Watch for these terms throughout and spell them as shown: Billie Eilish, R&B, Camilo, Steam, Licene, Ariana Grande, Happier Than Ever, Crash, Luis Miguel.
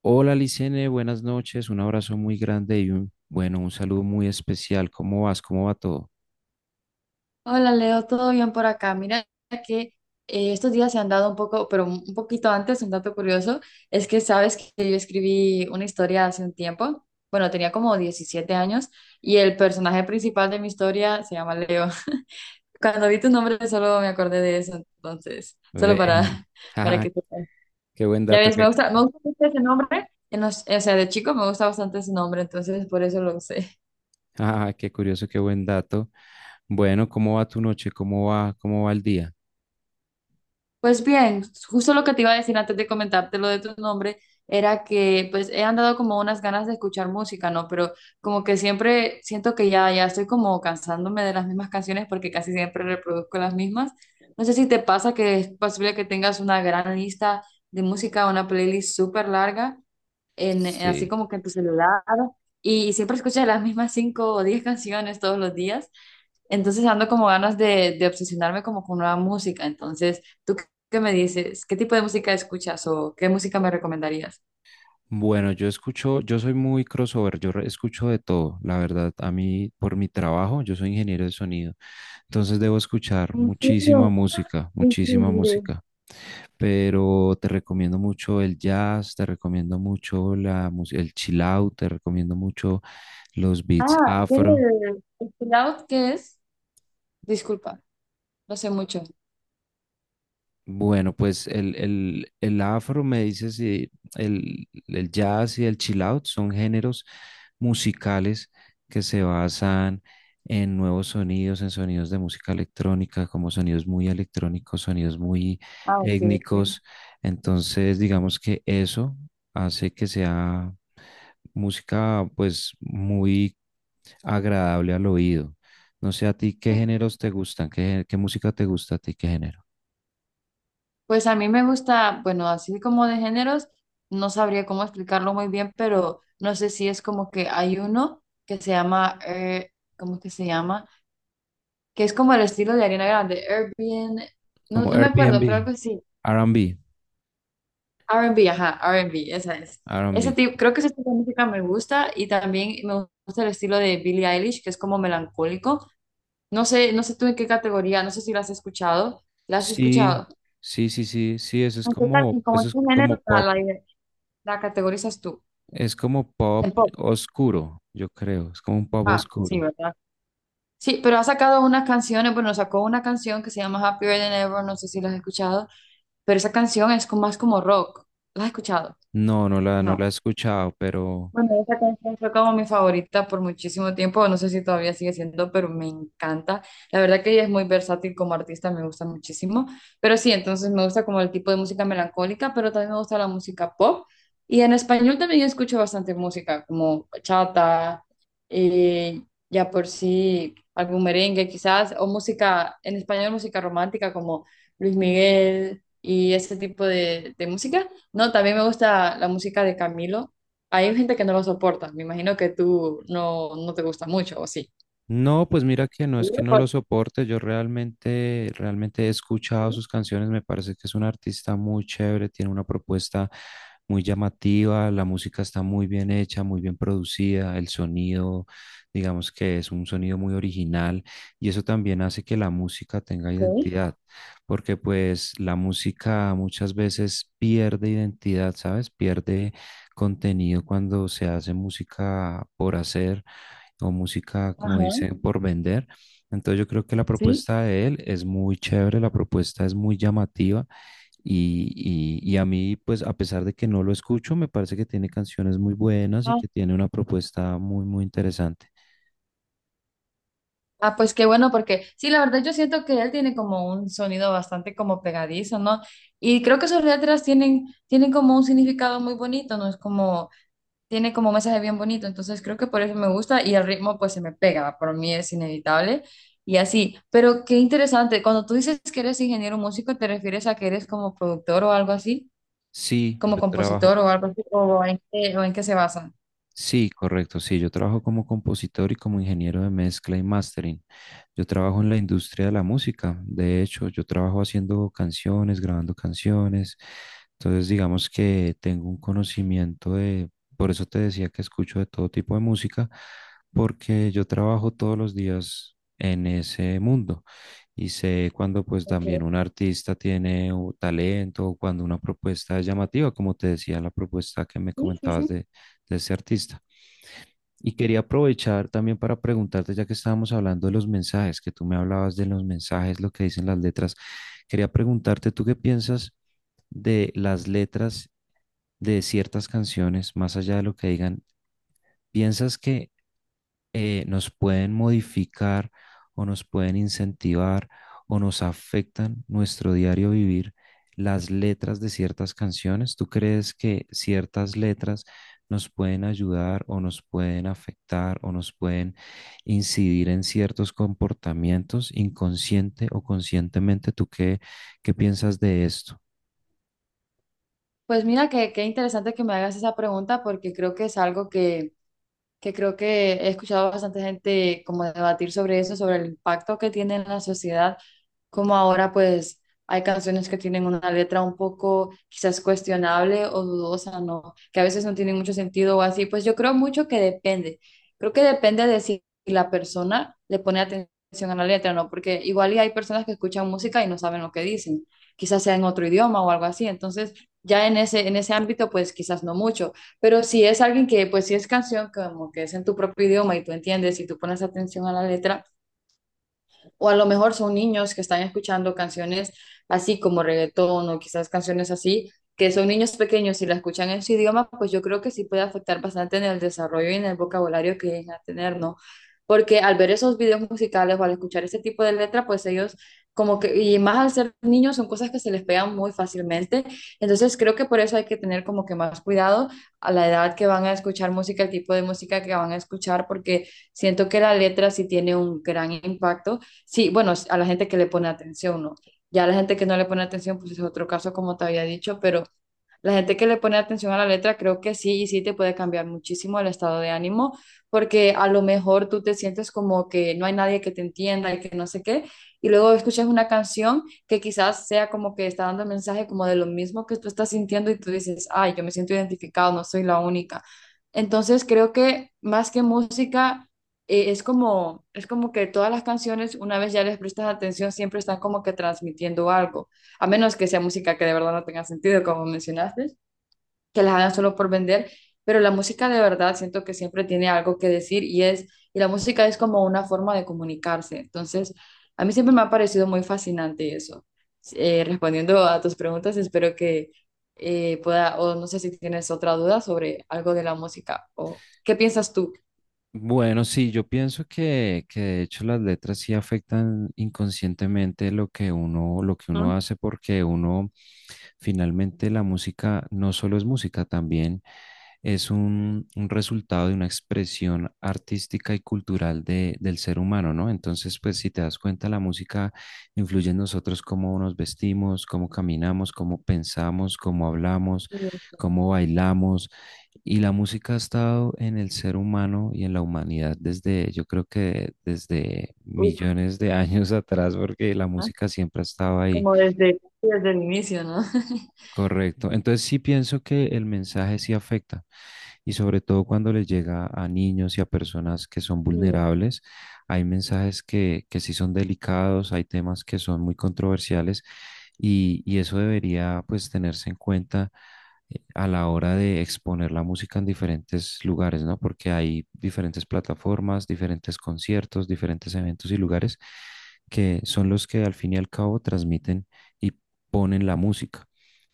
Hola Licene, buenas noches, un abrazo muy grande y un saludo muy especial. ¿Cómo vas? ¿Cómo va todo? Hola Leo, ¿todo bien por acá? Mira que estos días se han dado un poco, pero un poquito antes, un dato curioso, es que sabes que yo escribí una historia hace un tiempo, bueno, tenía como 17 años y el personaje principal de mi historia se llama Leo. Cuando vi tu nombre solo me acordé de eso, entonces, solo Ve, para, para jaja, que sepas. qué buen Ya dato, ves, qué, me gusta mucho ese nombre, o sea, de chico me gusta bastante ese nombre, entonces por eso lo sé. jaja, qué curioso, qué buen dato. Bueno, ¿cómo va tu noche? Cómo va el día? Pues bien, justo lo que te iba a decir antes de comentarte lo de tu nombre era que pues he andado como unas ganas de escuchar música, ¿no? Pero como que siempre siento que ya, ya estoy como cansándome de las mismas canciones porque casi siempre reproduzco las mismas. No sé si te pasa que es posible que tengas una gran lista de música, una playlist súper larga, así Sí. como que en tu celular y, siempre escuchas las mismas 5 o 10 canciones todos los días. Entonces ando como ganas de obsesionarme como con nueva música. Entonces, ¿tú qué me dices? ¿Qué tipo de música escuchas o qué música me recomendarías? Bueno, yo escucho, yo soy muy crossover, escucho de todo, la verdad. A mí, por mi trabajo, yo soy ingeniero de sonido, entonces debo escuchar ¿En serio? Qué muchísima increíble. música, Pero te recomiendo mucho el jazz, te recomiendo mucho el chill out, te recomiendo mucho los beats Ah, ¿qué afro. de... ¿El out qué es? Disculpa, no sé mucho. Bueno, pues el afro, me dices, y el jazz y el chill out son géneros musicales que se basan en nuevos sonidos, en sonidos de música electrónica, como sonidos muy electrónicos, sonidos muy Ah, ok, ok. étnicos. Entonces, digamos que eso hace que sea música pues muy agradable al oído. No sé a ti qué géneros te gustan, qué, qué música te gusta a ti, qué género. Pues a mí me gusta, bueno, así como de géneros, no sabría cómo explicarlo muy bien, pero no sé si es como que hay uno que se llama, ¿cómo que se llama? Que es como el estilo de Ariana Grande, Airbnb, no, Como no me acuerdo, pero Airbnb. algo así, R&B, R&B, ajá, R&B, esa es. Ese R&B. tipo, creo que ese tipo de música me gusta y también me gusta el estilo de Billie Eilish, que es como melancólico. No sé, no sé tú en qué categoría, no sé si la has escuchado, la has Sí, escuchado. sí, sí, sí, sí, En como en eso qué género la categorizas tú? es como En pop pop. oscuro, yo creo, es como un pop Ah, sí, oscuro. ¿verdad? Sí, pero ha sacado unas canciones, bueno, sacó una canción que se llama Happier Than Ever, no sé si la has escuchado, pero esa canción es como, más como rock. ¿La has escuchado? No, no la he No. escuchado, pero, Bueno, esa canción fue como mi favorita por muchísimo tiempo, no sé si todavía sigue siendo, pero me encanta. La verdad que ella es muy versátil como artista, me gusta muchísimo. Pero sí, entonces me gusta como el tipo de música melancólica, pero también me gusta la música pop. Y en español también escucho bastante música, como bachata, eh, ya por sí, algún merengue quizás, o música, en español música romántica como Luis Miguel y ese tipo de música. No, también me gusta la música de Camilo, hay gente que no lo soporta. Me imagino que tú no, no te gusta mucho, ¿o sí? no, pues mira que no Sí, es que no lo ¿por soporte. Yo realmente, realmente he escuchado sus canciones, me parece que es un artista muy chévere, tiene una propuesta muy llamativa, la música está muy bien hecha, muy bien producida. El sonido, digamos que es un sonido muy original, y eso también hace que la música tenga qué? identidad, porque pues la música muchas veces pierde identidad, ¿sabes? Pierde contenido cuando se hace música por hacer o música, como Ajá, dicen, por vender. Entonces yo creo que la sí. propuesta de él es muy chévere, la propuesta es muy llamativa y, y a mí, pues a pesar de que no lo escucho, me parece que tiene canciones muy buenas y Ah, que tiene una propuesta muy, muy interesante. ah, pues qué bueno, porque sí, la verdad yo siento que él tiene como un sonido bastante como pegadizo, ¿no? Y creo que sus letras tienen, tienen como un significado muy bonito, ¿no? Es como, tiene como un mensaje bien bonito, entonces creo que por eso me gusta y el ritmo pues se me pega, por mí es inevitable y así. Pero qué interesante, cuando tú dices que eres ingeniero músico, ¿te refieres a que eres como productor o algo así? Sí, ¿Como yo compositor trabajo, o algo así, o en qué se basan? sí, correcto. Sí, yo trabajo como compositor y como ingeniero de mezcla y mastering. Yo trabajo en la industria de la música. De hecho, yo trabajo haciendo canciones, grabando canciones. Entonces, digamos que tengo un conocimiento de, por eso te decía que escucho de todo tipo de música, porque yo trabajo todos los días en ese mundo y sé cuando pues también un artista tiene un talento o cuando una propuesta es llamativa, como te decía la propuesta que me comentabas de ese artista. Y quería aprovechar también para preguntarte, ya que estábamos hablando de los mensajes, que tú me hablabas de los mensajes, lo que dicen las letras, quería preguntarte, ¿tú qué piensas de las letras de ciertas canciones, más allá de lo que digan? ¿Piensas que nos pueden modificar o nos pueden incentivar o nos afectan nuestro diario vivir las letras de ciertas canciones? ¿Tú crees que ciertas letras nos pueden ayudar o nos pueden afectar o nos pueden incidir en ciertos comportamientos inconsciente o conscientemente? ¿Tú qué, qué piensas de esto? Pues mira, que qué interesante que me hagas esa pregunta porque creo que es algo que creo que he escuchado bastante gente como debatir sobre eso, sobre el impacto que tiene en la sociedad, como ahora pues hay canciones que tienen una letra un poco quizás cuestionable o dudosa, ¿no? Que a veces no tienen mucho sentido o así, pues yo creo mucho que depende, creo que depende de si la persona le pone atención a la letra, ¿no? Porque igual y hay personas que escuchan música y no saben lo que dicen, quizás sea en otro idioma o algo así, entonces ya en ese ámbito pues quizás no mucho, pero si es alguien que, pues si es canción, como que es en tu propio idioma y tú entiendes y tú pones atención a la letra, o a lo mejor son niños que están escuchando canciones así como reggaetón o quizás canciones así, que son niños pequeños y la escuchan en su idioma, pues yo creo que sí puede afectar bastante en el desarrollo y en el vocabulario que llegan a tener, ¿no? Porque al ver esos videos musicales o al escuchar ese tipo de letra, pues ellos como que, y más al ser niños, son cosas que se les pegan muy fácilmente. Entonces creo que por eso hay que tener como que más cuidado a la edad que van a escuchar música, el tipo de música que van a escuchar, porque siento que la letra sí tiene un gran impacto. Sí, bueno, a la gente que le pone atención, ¿no? Ya la gente que no le pone atención, pues es otro caso, como te había dicho, pero la gente que le pone atención a la letra, creo que sí, y sí te puede cambiar muchísimo el estado de ánimo, porque a lo mejor tú te sientes como que no hay nadie que te entienda y que no sé qué, y luego escuchas una canción que quizás sea como que está dando mensaje como de lo mismo que tú estás sintiendo y tú dices, ay, yo me siento identificado, no soy la única. Entonces creo que más que música, es como que todas las canciones, una vez ya les prestas atención, siempre están como que transmitiendo algo, a menos que sea música que de verdad no tenga sentido, como mencionaste, que las hagan solo por vender, pero la música de verdad siento que siempre tiene algo que decir y es, y la música es como una forma de comunicarse. Entonces, a mí siempre me ha parecido muy fascinante eso. Respondiendo a tus preguntas, espero que pueda, o no sé si tienes otra duda sobre algo de la música, o qué piensas tú. Bueno, sí, yo pienso que de hecho las letras sí afectan inconscientemente lo que uno ¿No? hace, porque uno finalmente, la música no solo es música, también es un resultado de una expresión artística y cultural del ser humano, ¿no? Entonces, pues si te das cuenta, la música influye en nosotros, cómo nos vestimos, cómo caminamos, cómo pensamos, cómo hablamos, cómo bailamos. Y la música ha estado en el ser humano y en la humanidad desde, yo creo que desde Uf, millones de años atrás, porque la ¿eh? música siempre ha estado ahí, Como desde, desde el inicio, ¿no? correcto. Entonces sí pienso que el mensaje sí afecta, y sobre todo cuando les llega a niños y a personas que son Sí. vulnerables, hay mensajes que sí son delicados, hay temas que son muy controversiales, y eso debería pues tenerse en cuenta a la hora de exponer la música en diferentes lugares, ¿no? Porque hay diferentes plataformas, diferentes conciertos, diferentes eventos y lugares que son los que al fin y al cabo transmiten y ponen la música.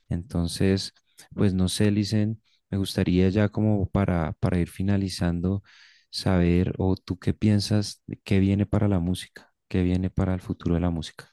Entonces, pues no sé, Licen, me gustaría ya como para ir finalizando, saber, o tú qué piensas, de qué viene para la música, qué viene para el futuro de la música.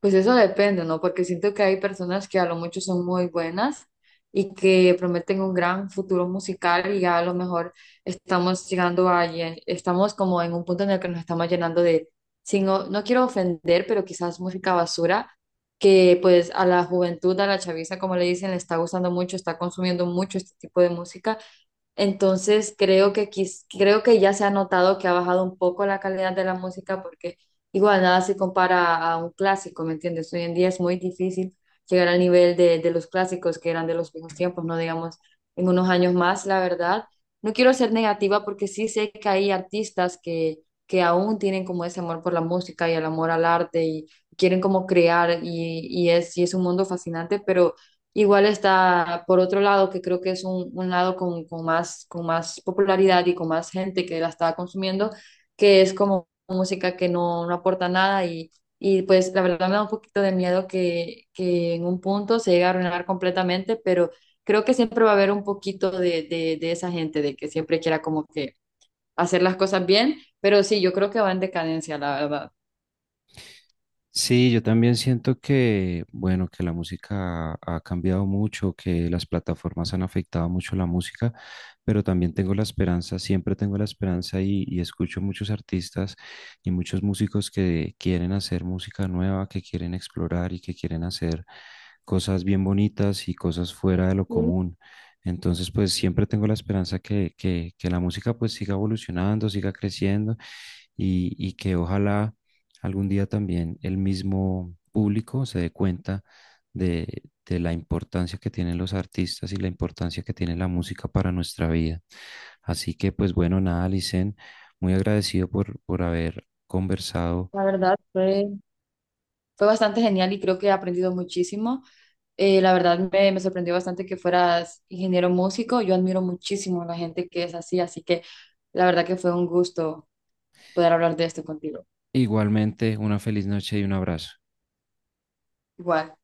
Pues eso depende, ¿no? Porque siento que hay personas que a lo mucho son muy buenas y que prometen un gran futuro musical y ya a lo mejor estamos llegando a, estamos como en un punto en el que nos estamos llenando de, sin, o- no quiero ofender, pero quizás música basura, que pues a la juventud, a la chaviza, como le dicen, le está gustando mucho, está consumiendo mucho este tipo de música, entonces creo que creo que ya se ha notado que ha bajado un poco la calidad de la música porque igual nada se compara a un clásico, ¿me entiendes? Hoy en día es muy difícil llegar al nivel de los clásicos que eran de los viejos tiempos, no digamos en unos años más, la verdad. No quiero ser negativa porque sí sé que hay artistas que aún tienen como ese amor por la música y el amor al arte y quieren como crear y es un mundo fascinante, pero igual está, por otro lado, que creo que es un lado con más popularidad y con más gente que la está consumiendo, que es como música que no, no aporta nada y, y pues la verdad me da un poquito de miedo que en un punto se llegue a arruinar completamente, pero creo que siempre va a haber un poquito de esa gente, de que siempre quiera como que hacer las cosas bien, pero sí, yo creo que va en decadencia, la verdad. Sí, yo también siento que, bueno, que la música ha cambiado mucho, que las plataformas han afectado mucho la música, pero también tengo la esperanza, siempre tengo la esperanza, y escucho muchos artistas y muchos músicos que quieren hacer música nueva, que quieren explorar y que quieren hacer cosas bien bonitas y cosas fuera de lo común. Entonces, pues siempre tengo la esperanza que, que la música pues siga evolucionando, siga creciendo, y que ojalá algún día también el mismo público se dé cuenta de la importancia que tienen los artistas y la importancia que tiene la música para nuestra vida. Así que, pues bueno, nada, Licen, muy agradecido por haber conversado. La verdad fue, fue bastante genial y creo que he aprendido muchísimo. La verdad me, me sorprendió bastante que fueras ingeniero músico. Yo admiro muchísimo a la gente que es así, así que la verdad que fue un gusto poder hablar de esto contigo. Igualmente, una feliz noche y un abrazo. Igual.